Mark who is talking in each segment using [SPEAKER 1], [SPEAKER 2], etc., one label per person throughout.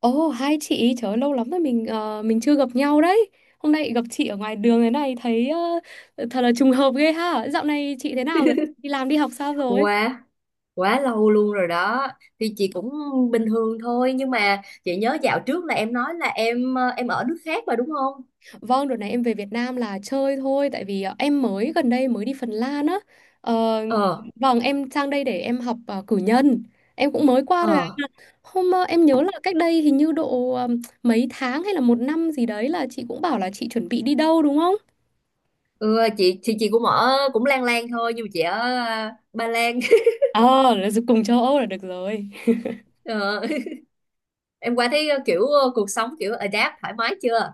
[SPEAKER 1] Ồ, hai chị, trời ơi, lâu lắm rồi mình chưa gặp nhau đấy. Hôm nay gặp chị ở ngoài đường thế này thấy thật là trùng hợp ghê ha. Dạo này chị thế nào rồi? Đi làm đi học sao rồi?
[SPEAKER 2] Quá quá lâu luôn rồi đó. Thì chị cũng bình thường thôi nhưng mà chị nhớ dạo trước là em nói là em ở nước khác mà đúng không?
[SPEAKER 1] Vâng, đợt này em về Việt Nam là chơi thôi tại vì em mới gần đây mới đi Phần Lan á. Ờ,
[SPEAKER 2] ờ
[SPEAKER 1] vâng, em sang đây để em học cử nhân. Em cũng mới qua rồi ạ.
[SPEAKER 2] ờ
[SPEAKER 1] Hôm em nhớ là cách đây hình như độ mấy tháng hay là một năm gì đấy là chị cũng bảo là chị chuẩn bị đi đâu đúng không?
[SPEAKER 2] ừ, chị thì chị cũng ở cũng lang lang thôi nhưng mà chị ở Ba Lan.
[SPEAKER 1] Ờ, là cùng châu Âu là được rồi.
[SPEAKER 2] ờ, em qua thấy kiểu cuộc sống kiểu adapt thoải mái chưa?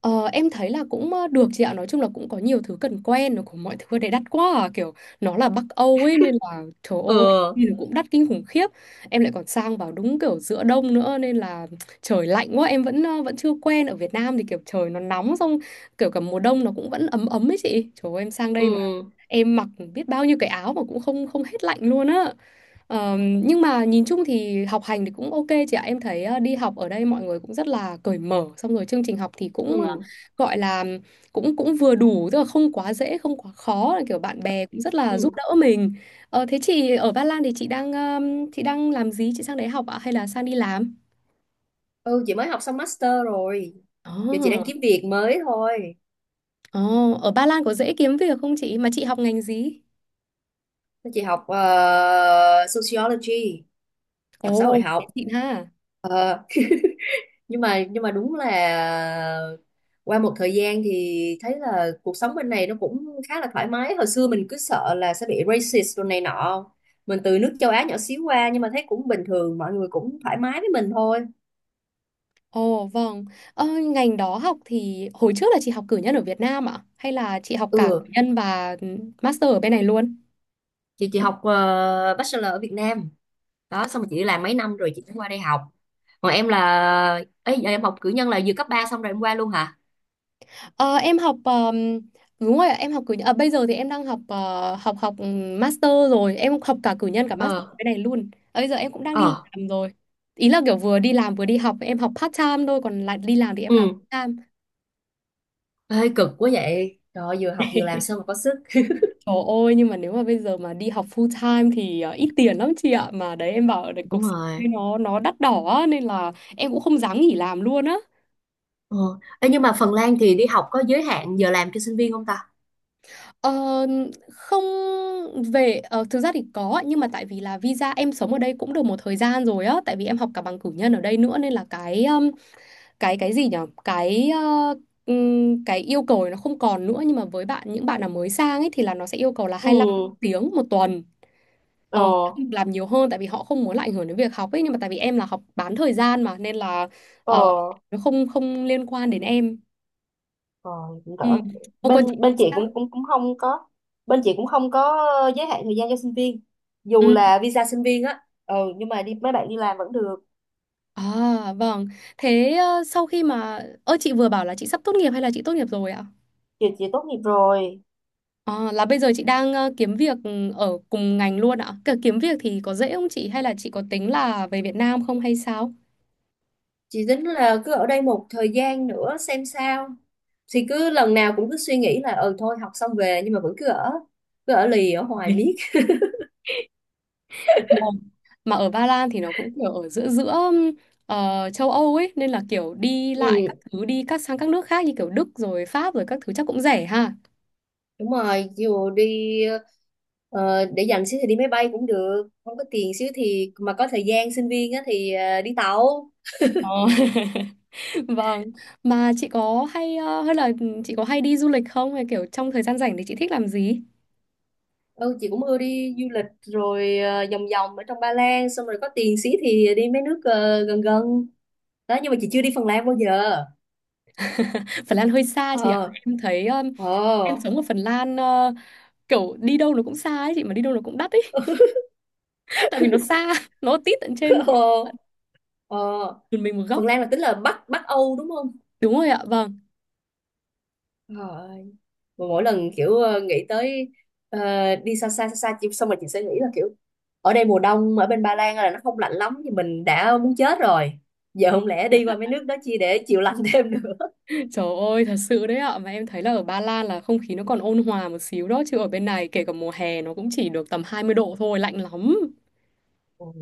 [SPEAKER 1] Ờ, em thấy là cũng được chị ạ. Nói chung là cũng có nhiều thứ cần quen. Nó cũng mọi thứ ở đấy đắt quá à. Kiểu nó là Bắc Âu ấy nên là trời ơi
[SPEAKER 2] ờ
[SPEAKER 1] nhìn cũng đắt kinh khủng khiếp. Em lại còn sang vào đúng kiểu giữa đông nữa nên là trời lạnh quá. Em vẫn chưa quen. Ở Việt Nam thì kiểu trời nó nóng. Xong kiểu cả mùa đông nó cũng vẫn ấm ấm ấy chị. Trời ơi em sang đây
[SPEAKER 2] ừ,
[SPEAKER 1] mà em mặc biết bao nhiêu cái áo mà cũng không không hết lạnh luôn á. Nhưng mà nhìn chung thì học hành thì cũng ok chị ạ. Em thấy đi học ở đây mọi người cũng rất là cởi mở, xong rồi chương trình học thì cũng
[SPEAKER 2] ừ,
[SPEAKER 1] gọi là cũng cũng vừa đủ, tức là không quá dễ, không quá khó, là kiểu bạn bè cũng rất là giúp
[SPEAKER 2] ừ,
[SPEAKER 1] đỡ mình. Thế chị ở Ba Lan thì chị đang làm gì? Chị sang đấy học ạ hay là sang đi làm?
[SPEAKER 2] ừ. Chị mới học xong master rồi, giờ chị đang
[SPEAKER 1] Ồ,
[SPEAKER 2] kiếm việc mới thôi.
[SPEAKER 1] oh, ở Ba Lan có dễ kiếm việc không chị? Mà chị học ngành gì?
[SPEAKER 2] Chị học sociology, học xã
[SPEAKER 1] Ồ,
[SPEAKER 2] hội
[SPEAKER 1] oh,
[SPEAKER 2] học.
[SPEAKER 1] xịn ha.
[SPEAKER 2] Ờ, nhưng mà đúng là qua một thời gian thì thấy là cuộc sống bên này nó cũng khá là thoải mái. Hồi xưa mình cứ sợ là sẽ bị racist rồi này nọ, mình từ nước châu Á nhỏ xíu qua nhưng mà thấy cũng bình thường, mọi người cũng thoải mái với mình thôi.
[SPEAKER 1] Ồ, vâng, ờ, ngành đó học thì hồi trước là chị học cử nhân ở Việt Nam ạ? Hay là chị học cả
[SPEAKER 2] Ừ,
[SPEAKER 1] cử nhân và master ở bên này luôn?
[SPEAKER 2] chị học bachelor ở Việt Nam đó, xong rồi chị đi làm mấy năm rồi chị mới qua đây học. Còn em là ấy, giờ em học cử nhân là vừa cấp 3 xong rồi em qua luôn hả?
[SPEAKER 1] Ờ, em học đúng rồi ạ, em học cử nhân. À, bây giờ thì em đang học master rồi, em học cả cử nhân cả master ở
[SPEAKER 2] ờ
[SPEAKER 1] bên này luôn. Ờ, Bây giờ em cũng đang đi
[SPEAKER 2] ờ
[SPEAKER 1] làm rồi. Ý là kiểu vừa đi làm vừa đi học, em học part time thôi còn lại đi làm thì em làm
[SPEAKER 2] ừ,
[SPEAKER 1] full time.
[SPEAKER 2] hơi cực quá vậy trời ơi, vừa học vừa làm sao mà có sức.
[SPEAKER 1] Trời ơi, nhưng mà nếu mà bây giờ mà đi học full time thì ít tiền lắm chị ạ. Mà đấy em bảo đấy,
[SPEAKER 2] Đúng
[SPEAKER 1] cuộc sống đây
[SPEAKER 2] rồi.
[SPEAKER 1] nó đắt đỏ á, nên là em cũng không dám nghỉ làm luôn á.
[SPEAKER 2] Ờ. Ê, nhưng mà Phần Lan thì đi học có giới hạn giờ làm cho sinh viên không ta?
[SPEAKER 1] Ờ, không về, thực ra thì có nhưng mà tại vì là visa em sống ở đây cũng được một thời gian rồi á, tại vì em học cả bằng cử nhân ở đây nữa nên là cái gì nhở? Cái yêu cầu này nó không còn nữa nhưng mà với bạn những bạn nào mới sang ấy thì là nó sẽ yêu cầu là 25
[SPEAKER 2] Ừ.
[SPEAKER 1] tiếng một tuần. Ờ,
[SPEAKER 2] ờ
[SPEAKER 1] làm nhiều hơn tại vì họ không muốn lại ảnh hưởng đến việc học ấy nhưng mà tại vì em là học bán thời gian mà nên là
[SPEAKER 2] ờ
[SPEAKER 1] ờ, nó không không liên quan đến em.
[SPEAKER 2] ờ Cũng
[SPEAKER 1] Ừ.
[SPEAKER 2] đỡ.
[SPEAKER 1] Ô còn chị
[SPEAKER 2] Bên
[SPEAKER 1] thì
[SPEAKER 2] bên chị
[SPEAKER 1] sao?
[SPEAKER 2] cũng cũng cũng không có Bên chị cũng không có giới hạn thời gian cho sinh viên, dù
[SPEAKER 1] Ừ.
[SPEAKER 2] là visa sinh viên á. Ừ, nhưng mà mấy bạn đi làm vẫn được.
[SPEAKER 1] À, vâng. Thế sau khi mà chị vừa bảo là chị sắp tốt nghiệp hay là chị tốt nghiệp rồi ạ?
[SPEAKER 2] Chị tốt nghiệp rồi.
[SPEAKER 1] Ờ, là bây giờ chị đang kiếm việc, ở cùng ngành luôn ạ. Cả kiếm việc thì có dễ không chị hay là chị có tính là về Việt Nam không hay sao?
[SPEAKER 2] Chị tính là cứ ở đây một thời gian nữa xem sao, thì cứ lần nào cũng cứ suy nghĩ là ừ thôi học xong về nhưng mà vẫn cứ ở, cứ ở lì ở hoài miết.
[SPEAKER 1] Ờ, mà ở Ba Lan thì nó cũng kiểu ở giữa giữa ờ, châu Âu ấy nên là kiểu đi
[SPEAKER 2] Ừ,
[SPEAKER 1] lại các thứ đi các sang các nước khác như kiểu Đức rồi Pháp rồi các thứ chắc cũng rẻ ha.
[SPEAKER 2] đúng rồi. Dù đi ờ, để dành xíu thì đi máy bay cũng được, không có tiền xíu thì mà có thời gian sinh viên á, thì đi tàu.
[SPEAKER 1] Ờ. Vâng, mà chị có hay đi du lịch không hay kiểu trong thời gian rảnh thì chị thích làm gì?
[SPEAKER 2] Ừ, chị cũng ưa đi du lịch rồi vòng vòng ở trong Ba Lan, xong rồi có tiền xíu thì đi mấy nước gần gần đó, nhưng mà chị chưa đi Phần Lan bao giờ.
[SPEAKER 1] Phần Lan hơi xa chị ạ.
[SPEAKER 2] ờ
[SPEAKER 1] Em thấy
[SPEAKER 2] ờ
[SPEAKER 1] em sống ở Phần Lan kiểu đi đâu nó cũng xa ấy chị mà đi đâu nó cũng đắt ấy tại vì nó xa, nó tít tận trên
[SPEAKER 2] ờ ờ
[SPEAKER 1] tận mình một góc.
[SPEAKER 2] Phần Lan là tính là Bắc Bắc Âu đúng không?
[SPEAKER 1] Đúng rồi ạ. Vâng.
[SPEAKER 2] ờ mà mỗi lần kiểu nghĩ tới ờ, đi xa xa xong rồi chị sẽ nghĩ là kiểu ở đây mùa đông ở bên Ba Lan là nó không lạnh lắm thì mình đã muốn chết rồi, giờ không lẽ đi qua mấy nước đó chi để chịu lạnh thêm được.
[SPEAKER 1] Trời ơi, thật sự đấy ạ. Mà em thấy là ở Ba Lan là không khí nó còn ôn hòa một xíu đó. Chứ ở bên này kể cả mùa hè nó cũng chỉ được tầm 20 độ thôi, lạnh lắm.
[SPEAKER 2] Ôi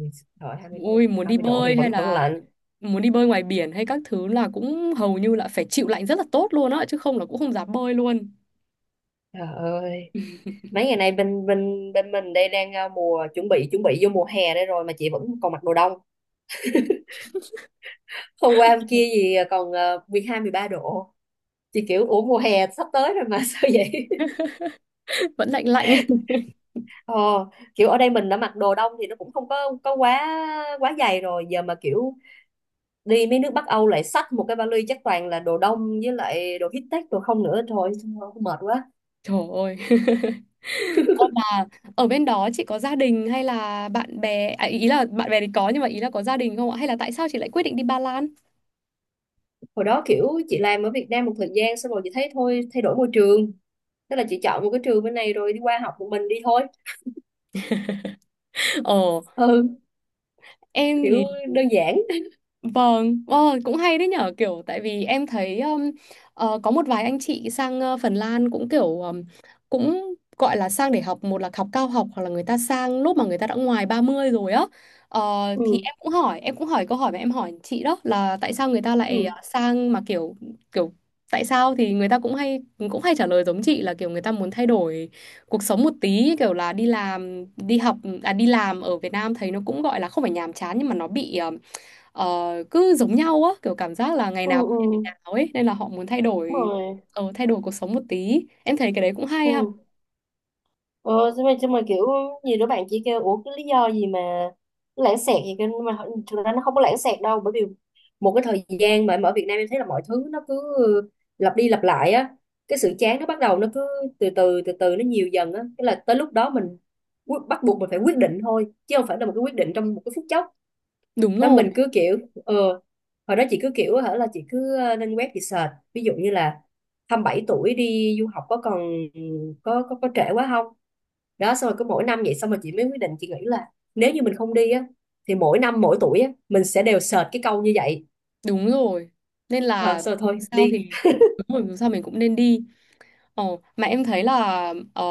[SPEAKER 2] trời, 20,
[SPEAKER 1] Ôi, muốn đi
[SPEAKER 2] 20 độ thì
[SPEAKER 1] bơi hay
[SPEAKER 2] vẫn vẫn
[SPEAKER 1] là
[SPEAKER 2] lạnh.
[SPEAKER 1] muốn đi bơi ngoài biển hay các thứ là cũng hầu như là phải chịu lạnh rất là tốt luôn á. Chứ không là cũng không dám bơi luôn.
[SPEAKER 2] Trời ơi, mấy ngày nay bên bên bên mình đây đang mùa chuẩn bị vô mùa hè đây rồi mà chị vẫn còn mặc đồ đông, hôm qua hôm kia gì còn 12 13 độ. Chị kiểu ủa mùa hè sắp tới rồi mà sao vậy.
[SPEAKER 1] Vẫn lạnh lạnh.
[SPEAKER 2] Ờ, kiểu ở đây mình đã mặc đồ đông thì nó cũng không có quá quá dày rồi, giờ mà kiểu đi mấy nước Bắc Âu lại xách một cái vali chắc toàn là đồ đông với lại đồ high-tech đồ không nữa. Thôi thôi, mệt quá.
[SPEAKER 1] Trời ơi. Mà ở bên đó chị có gia đình hay là bạn bè? À, ý là bạn bè thì có nhưng mà ý là có gia đình không ạ? Hay là tại sao chị lại quyết định đi Ba Lan?
[SPEAKER 2] Hồi đó kiểu chị làm ở Việt Nam một thời gian xong rồi chị thấy thôi thay đổi môi trường, tức là chị chọn một cái trường bên này rồi đi qua học một mình đi thôi.
[SPEAKER 1] Ờ,
[SPEAKER 2] Ừ,
[SPEAKER 1] em
[SPEAKER 2] kiểu
[SPEAKER 1] thì
[SPEAKER 2] đơn giản.
[SPEAKER 1] Vâng, cũng hay đấy nhở kiểu tại vì em thấy có một vài anh chị sang Phần Lan cũng kiểu cũng gọi là sang để học một là học cao học hoặc là người ta sang lúc mà người ta đã ngoài 30 rồi á. Ờ, thì
[SPEAKER 2] Ừ,
[SPEAKER 1] em cũng hỏi câu hỏi mà em hỏi chị đó là tại sao người ta
[SPEAKER 2] ừ,
[SPEAKER 1] lại sang mà kiểu kiểu tại sao thì người ta cũng hay trả lời giống chị là kiểu người ta muốn thay đổi cuộc sống một tí kiểu là đi làm đi học, à đi làm ở Việt Nam thấy nó cũng gọi là không phải nhàm chán nhưng mà nó bị ờ, cứ giống nhau á kiểu cảm giác là ngày
[SPEAKER 2] ừ,
[SPEAKER 1] nào cũng như
[SPEAKER 2] ừ,
[SPEAKER 1] ngày nào ấy nên là họ muốn thay
[SPEAKER 2] đúng
[SPEAKER 1] đổi
[SPEAKER 2] rồi.
[SPEAKER 1] ờ, thay đổi cuộc sống một tí, em thấy cái đấy cũng hay ha.
[SPEAKER 2] Ừ. Ờ, xong rồi kiểu nhiều đứa bạn chỉ kêu ủa cái lý do gì mà nó lãng xẹt gì kêu, nhưng mà thực ra nó không có lãng xẹt đâu, bởi vì một cái thời gian mà em ở Việt Nam em thấy là mọi thứ nó cứ lặp đi lặp lại á, cái sự chán nó bắt đầu nó cứ từ từ nó nhiều dần á, cái là tới lúc đó mình bắt buộc mình phải quyết định thôi chứ không phải là một cái quyết định trong một cái phút chốc.
[SPEAKER 1] Đúng
[SPEAKER 2] Đó
[SPEAKER 1] rồi,
[SPEAKER 2] mình cứ kiểu ờ hồi đó chị cứ kiểu hả là chị cứ lên web chị search ví dụ như là 27 tuổi đi du học có còn, có trễ quá không. Đó xong rồi cứ mỗi năm vậy xong rồi chị mới quyết định, chị nghĩ là nếu như mình không đi á thì mỗi năm mỗi tuổi á mình sẽ đều sệt cái câu như vậy.
[SPEAKER 1] đúng rồi, nên
[SPEAKER 2] Ờ,
[SPEAKER 1] là
[SPEAKER 2] xong rồi
[SPEAKER 1] dù
[SPEAKER 2] thôi
[SPEAKER 1] sao
[SPEAKER 2] đi,
[SPEAKER 1] thì đúng rồi dù sao mình cũng nên đi. Ờ, mà em thấy là ờ,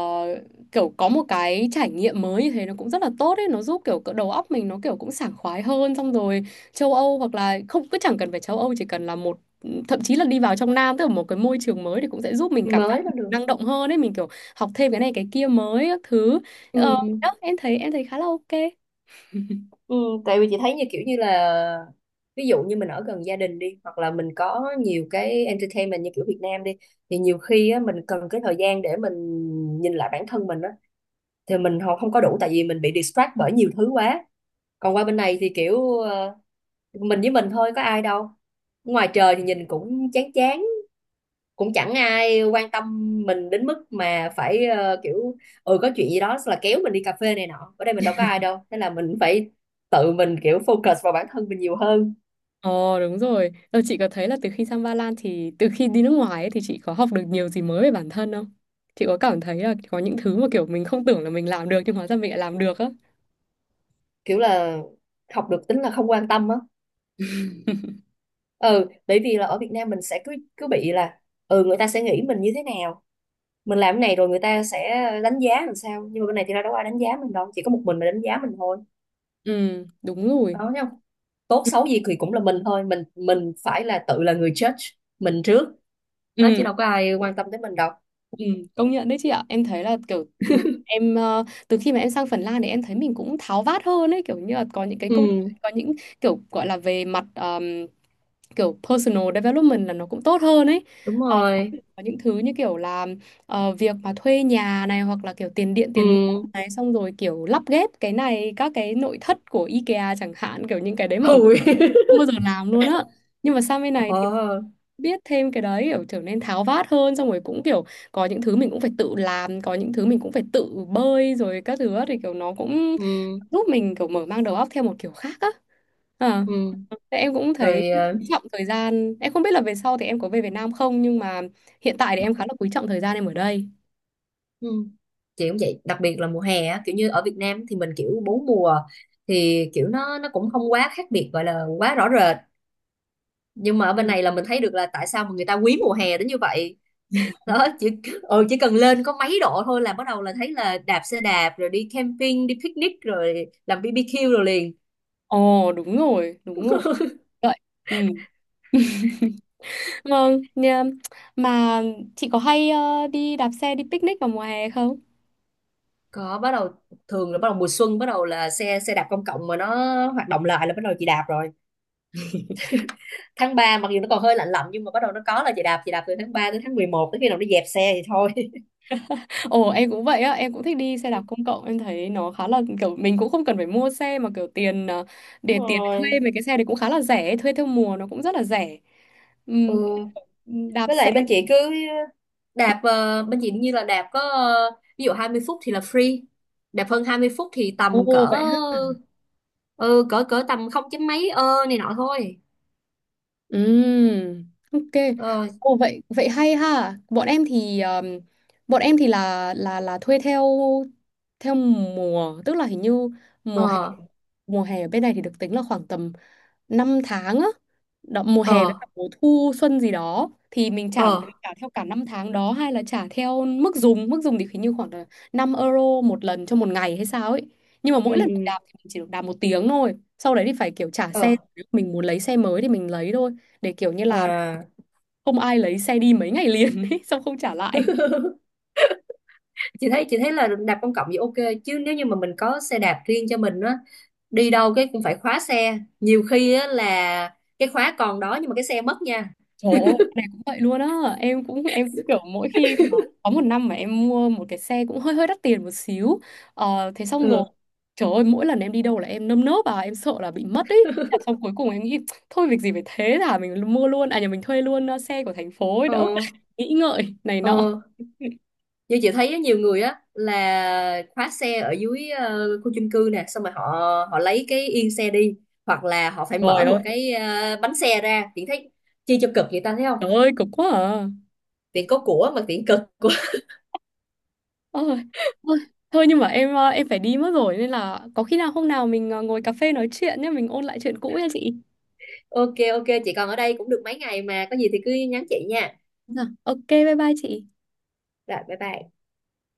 [SPEAKER 1] kiểu có một cái trải nghiệm mới như thế nó cũng rất là tốt ấy, nó giúp kiểu cỡ đầu óc mình nó kiểu cũng sảng khoái hơn xong rồi châu Âu hoặc là không cứ chẳng cần phải châu Âu chỉ cần là một, thậm chí là đi vào trong Nam tức là một cái môi trường mới thì cũng sẽ giúp mình cảm giác
[SPEAKER 2] mới là
[SPEAKER 1] mình
[SPEAKER 2] được.
[SPEAKER 1] năng động hơn ấy, mình kiểu học thêm cái này cái kia mới các thứ. Ờ,
[SPEAKER 2] Ừ.
[SPEAKER 1] đó, em thấy khá là ok.
[SPEAKER 2] Ừ. Tại vì chị thấy như kiểu như là ví dụ như mình ở gần gia đình đi hoặc là mình có nhiều cái entertainment như kiểu Việt Nam đi, thì nhiều khi á mình cần cái thời gian để mình nhìn lại bản thân mình á thì mình họ không có đủ, tại vì mình bị distract bởi nhiều thứ quá. Còn qua bên này thì kiểu mình với mình thôi có ai đâu, ngoài trời thì nhìn cũng chán chán, cũng chẳng ai quan tâm mình đến mức mà phải kiểu ừ có chuyện gì đó là kéo mình đi cà phê này nọ, ở đây mình đâu có ai đâu thế là mình phải tự mình kiểu focus vào bản thân mình nhiều hơn.
[SPEAKER 1] Ờ, đúng rồi. Ờ, chị có thấy là từ khi sang Ba Lan thì từ khi đi nước ngoài ấy, thì chị có học được nhiều gì mới về bản thân không? Chị có cảm thấy là có những thứ mà kiểu mình không tưởng là mình làm được nhưng hóa ra mình lại làm được á.
[SPEAKER 2] Kiểu là học được tính là không quan tâm á. Ừ, bởi vì là ở Việt Nam mình sẽ cứ cứ bị là ừ người ta sẽ nghĩ mình như thế nào, mình làm cái này rồi người ta sẽ đánh giá làm sao, nhưng mà bên này thì đâu có ai đánh giá mình đâu, chỉ có một mình mà đánh giá mình thôi.
[SPEAKER 1] Ừ, đúng rồi.
[SPEAKER 2] Đó thấy không, tốt
[SPEAKER 1] Ừ,
[SPEAKER 2] xấu gì thì cũng là mình thôi, mình phải là tự là người judge mình trước nó, chứ
[SPEAKER 1] ừ,
[SPEAKER 2] đâu có ai quan tâm tới mình đâu.
[SPEAKER 1] ừ, công nhận đấy chị ạ. Em thấy là kiểu em, từ khi mà em sang Phần Lan thì em thấy mình cũng tháo vát hơn ấy, kiểu như là có những cái
[SPEAKER 2] Ừ,
[SPEAKER 1] câu có những kiểu gọi là về mặt kiểu personal development là nó cũng tốt hơn ấy.
[SPEAKER 2] đúng rồi.
[SPEAKER 1] Có những thứ như kiểu là việc mà thuê nhà này hoặc là kiểu tiền điện
[SPEAKER 2] Ừ.
[SPEAKER 1] tiền nước này xong rồi kiểu lắp ghép cái này các cái nội thất của IKEA chẳng hạn kiểu những cái đấy mà ở Việt
[SPEAKER 2] Ui.
[SPEAKER 1] Nam không bao giờ làm luôn á nhưng mà sang bên này thì
[SPEAKER 2] ờ
[SPEAKER 1] biết thêm cái đấy kiểu trở nên tháo vát hơn xong rồi cũng kiểu có những thứ mình cũng phải tự làm có những thứ mình cũng phải tự bơi rồi các thứ á, thì kiểu nó cũng
[SPEAKER 2] ừ,
[SPEAKER 1] giúp mình kiểu mở mang đầu óc theo một kiểu khác á. Ờ.
[SPEAKER 2] ừ,
[SPEAKER 1] Thế em cũng thấy
[SPEAKER 2] rồi
[SPEAKER 1] quý trọng thời gian, em không biết là về sau thì em có về Việt Nam không nhưng mà hiện tại thì em khá là quý trọng thời gian em ở đây.
[SPEAKER 2] ừ. Chị cũng vậy, đặc biệt là mùa hè á, kiểu như ở Việt Nam thì mình kiểu bốn mùa thì kiểu nó cũng không quá khác biệt, gọi là quá rõ rệt, nhưng mà ở
[SPEAKER 1] Ừ.
[SPEAKER 2] bên này là mình thấy được là tại sao mà người ta quý mùa hè đến như vậy. Đó chỉ ừ, chỉ cần lên có mấy độ thôi là bắt đầu là thấy là đạp xe đạp rồi đi camping đi picnic rồi làm BBQ rồi liền.
[SPEAKER 1] Ồ, đúng rồi, đúng rồi vậy. Ừ, vâng nha. Mà chị có hay đi đạp xe đi picnic vào mùa hè không?
[SPEAKER 2] Bắt đầu thường là bắt đầu mùa xuân, bắt đầu là xe xe đạp công cộng mà nó hoạt động lại là bắt đầu chị đạp rồi, tháng ba mặc dù nó còn hơi lạnh lạnh nhưng mà bắt đầu nó có là chị đạp từ tháng 3 đến tháng mười một tới khi nào nó dẹp xe thì thôi.
[SPEAKER 1] Ồ, em cũng vậy á, em cũng thích đi xe đạp công cộng, em thấy nó khá là kiểu mình cũng không cần phải mua xe mà kiểu tiền,
[SPEAKER 2] Đúng
[SPEAKER 1] để tiền để thuê
[SPEAKER 2] rồi.
[SPEAKER 1] mấy cái xe đấy cũng khá là rẻ, thuê theo mùa nó cũng rất là rẻ. Ừ,
[SPEAKER 2] Ừ,
[SPEAKER 1] đạp
[SPEAKER 2] với
[SPEAKER 1] xe.
[SPEAKER 2] lại bên chị cứ đạp bên chị như là đạp có ví dụ 20 phút thì là free, đạp hơn 20 phút thì tầm
[SPEAKER 1] Ồ
[SPEAKER 2] cỡ
[SPEAKER 1] vậy.
[SPEAKER 2] ừ, cỡ cỡ tầm không chấm mấy ơ này nọ thôi.
[SPEAKER 1] Ừm, ok.
[SPEAKER 2] ờ
[SPEAKER 1] Ồ vậy vậy hay ha. Bọn em thì là thuê theo theo mùa, tức là hình như mùa hè
[SPEAKER 2] ờ
[SPEAKER 1] mùa hè ở bên này thì được tính là khoảng tầm 5 tháng á. Đó, mùa
[SPEAKER 2] ờ
[SPEAKER 1] hè với cả mùa thu xuân gì đó thì mình trả mà mình
[SPEAKER 2] ờ
[SPEAKER 1] trả theo cả 5 tháng đó hay là trả theo mức dùng thì hình như khoảng là 5 euro một lần cho một ngày hay sao ấy. Nhưng mà
[SPEAKER 2] ừ,
[SPEAKER 1] mỗi lần mình
[SPEAKER 2] ừ.
[SPEAKER 1] đạp thì mình chỉ được đạp một tiếng thôi. Sau đấy thì phải kiểu trả
[SPEAKER 2] ờ
[SPEAKER 1] xe. Nếu mình muốn lấy xe mới thì mình lấy thôi để kiểu như là
[SPEAKER 2] À.
[SPEAKER 1] không ai lấy xe đi mấy ngày liền ấy xong không trả lại.
[SPEAKER 2] Chị thấy là đạp công cộng thì ok, chứ nếu như mà mình có xe đạp riêng cho mình á, đi đâu cái cũng phải khóa xe, nhiều khi á là cái khóa còn đó nhưng mà cái xe mất nha.
[SPEAKER 1] Trời ơi cái này cũng vậy luôn á, em cũng kiểu mỗi khi mà có một năm mà em mua một cái xe cũng hơi hơi đắt tiền một xíu, thế xong rồi
[SPEAKER 2] Ừ.
[SPEAKER 1] trời ơi mỗi lần em đi đâu là em nơm nớp à em sợ là bị mất ấy. Thế là xong cuối cùng em nghĩ thôi việc gì phải thế thả mình mua luôn à nhà mình thuê luôn xe của thành phố ấy
[SPEAKER 2] ờ
[SPEAKER 1] đỡ phải nghĩ ngợi này
[SPEAKER 2] ờ
[SPEAKER 1] nọ.
[SPEAKER 2] Như chị thấy á, nhiều người á là khóa xe ở dưới khu chung cư nè, xong rồi họ họ lấy cái yên xe đi, hoặc là họ phải
[SPEAKER 1] Trời
[SPEAKER 2] mở một
[SPEAKER 1] ơi.
[SPEAKER 2] cái bánh xe ra. Chị thấy chi cho cực vậy ta, thấy không?
[SPEAKER 1] Trời ơi cực quá à.
[SPEAKER 2] Tiện có của mà tiện cực.
[SPEAKER 1] Ôi, thôi, thôi nhưng mà em phải đi mất rồi nên là có khi nào hôm nào mình ngồi cà phê nói chuyện nhé, mình ôn lại chuyện cũ nha chị.
[SPEAKER 2] Ok, ok, chị còn ở đây cũng được mấy ngày, mà có gì thì cứ nhắn chị nha.
[SPEAKER 1] Dạ. Ok, bye bye chị.
[SPEAKER 2] Rồi bye bye.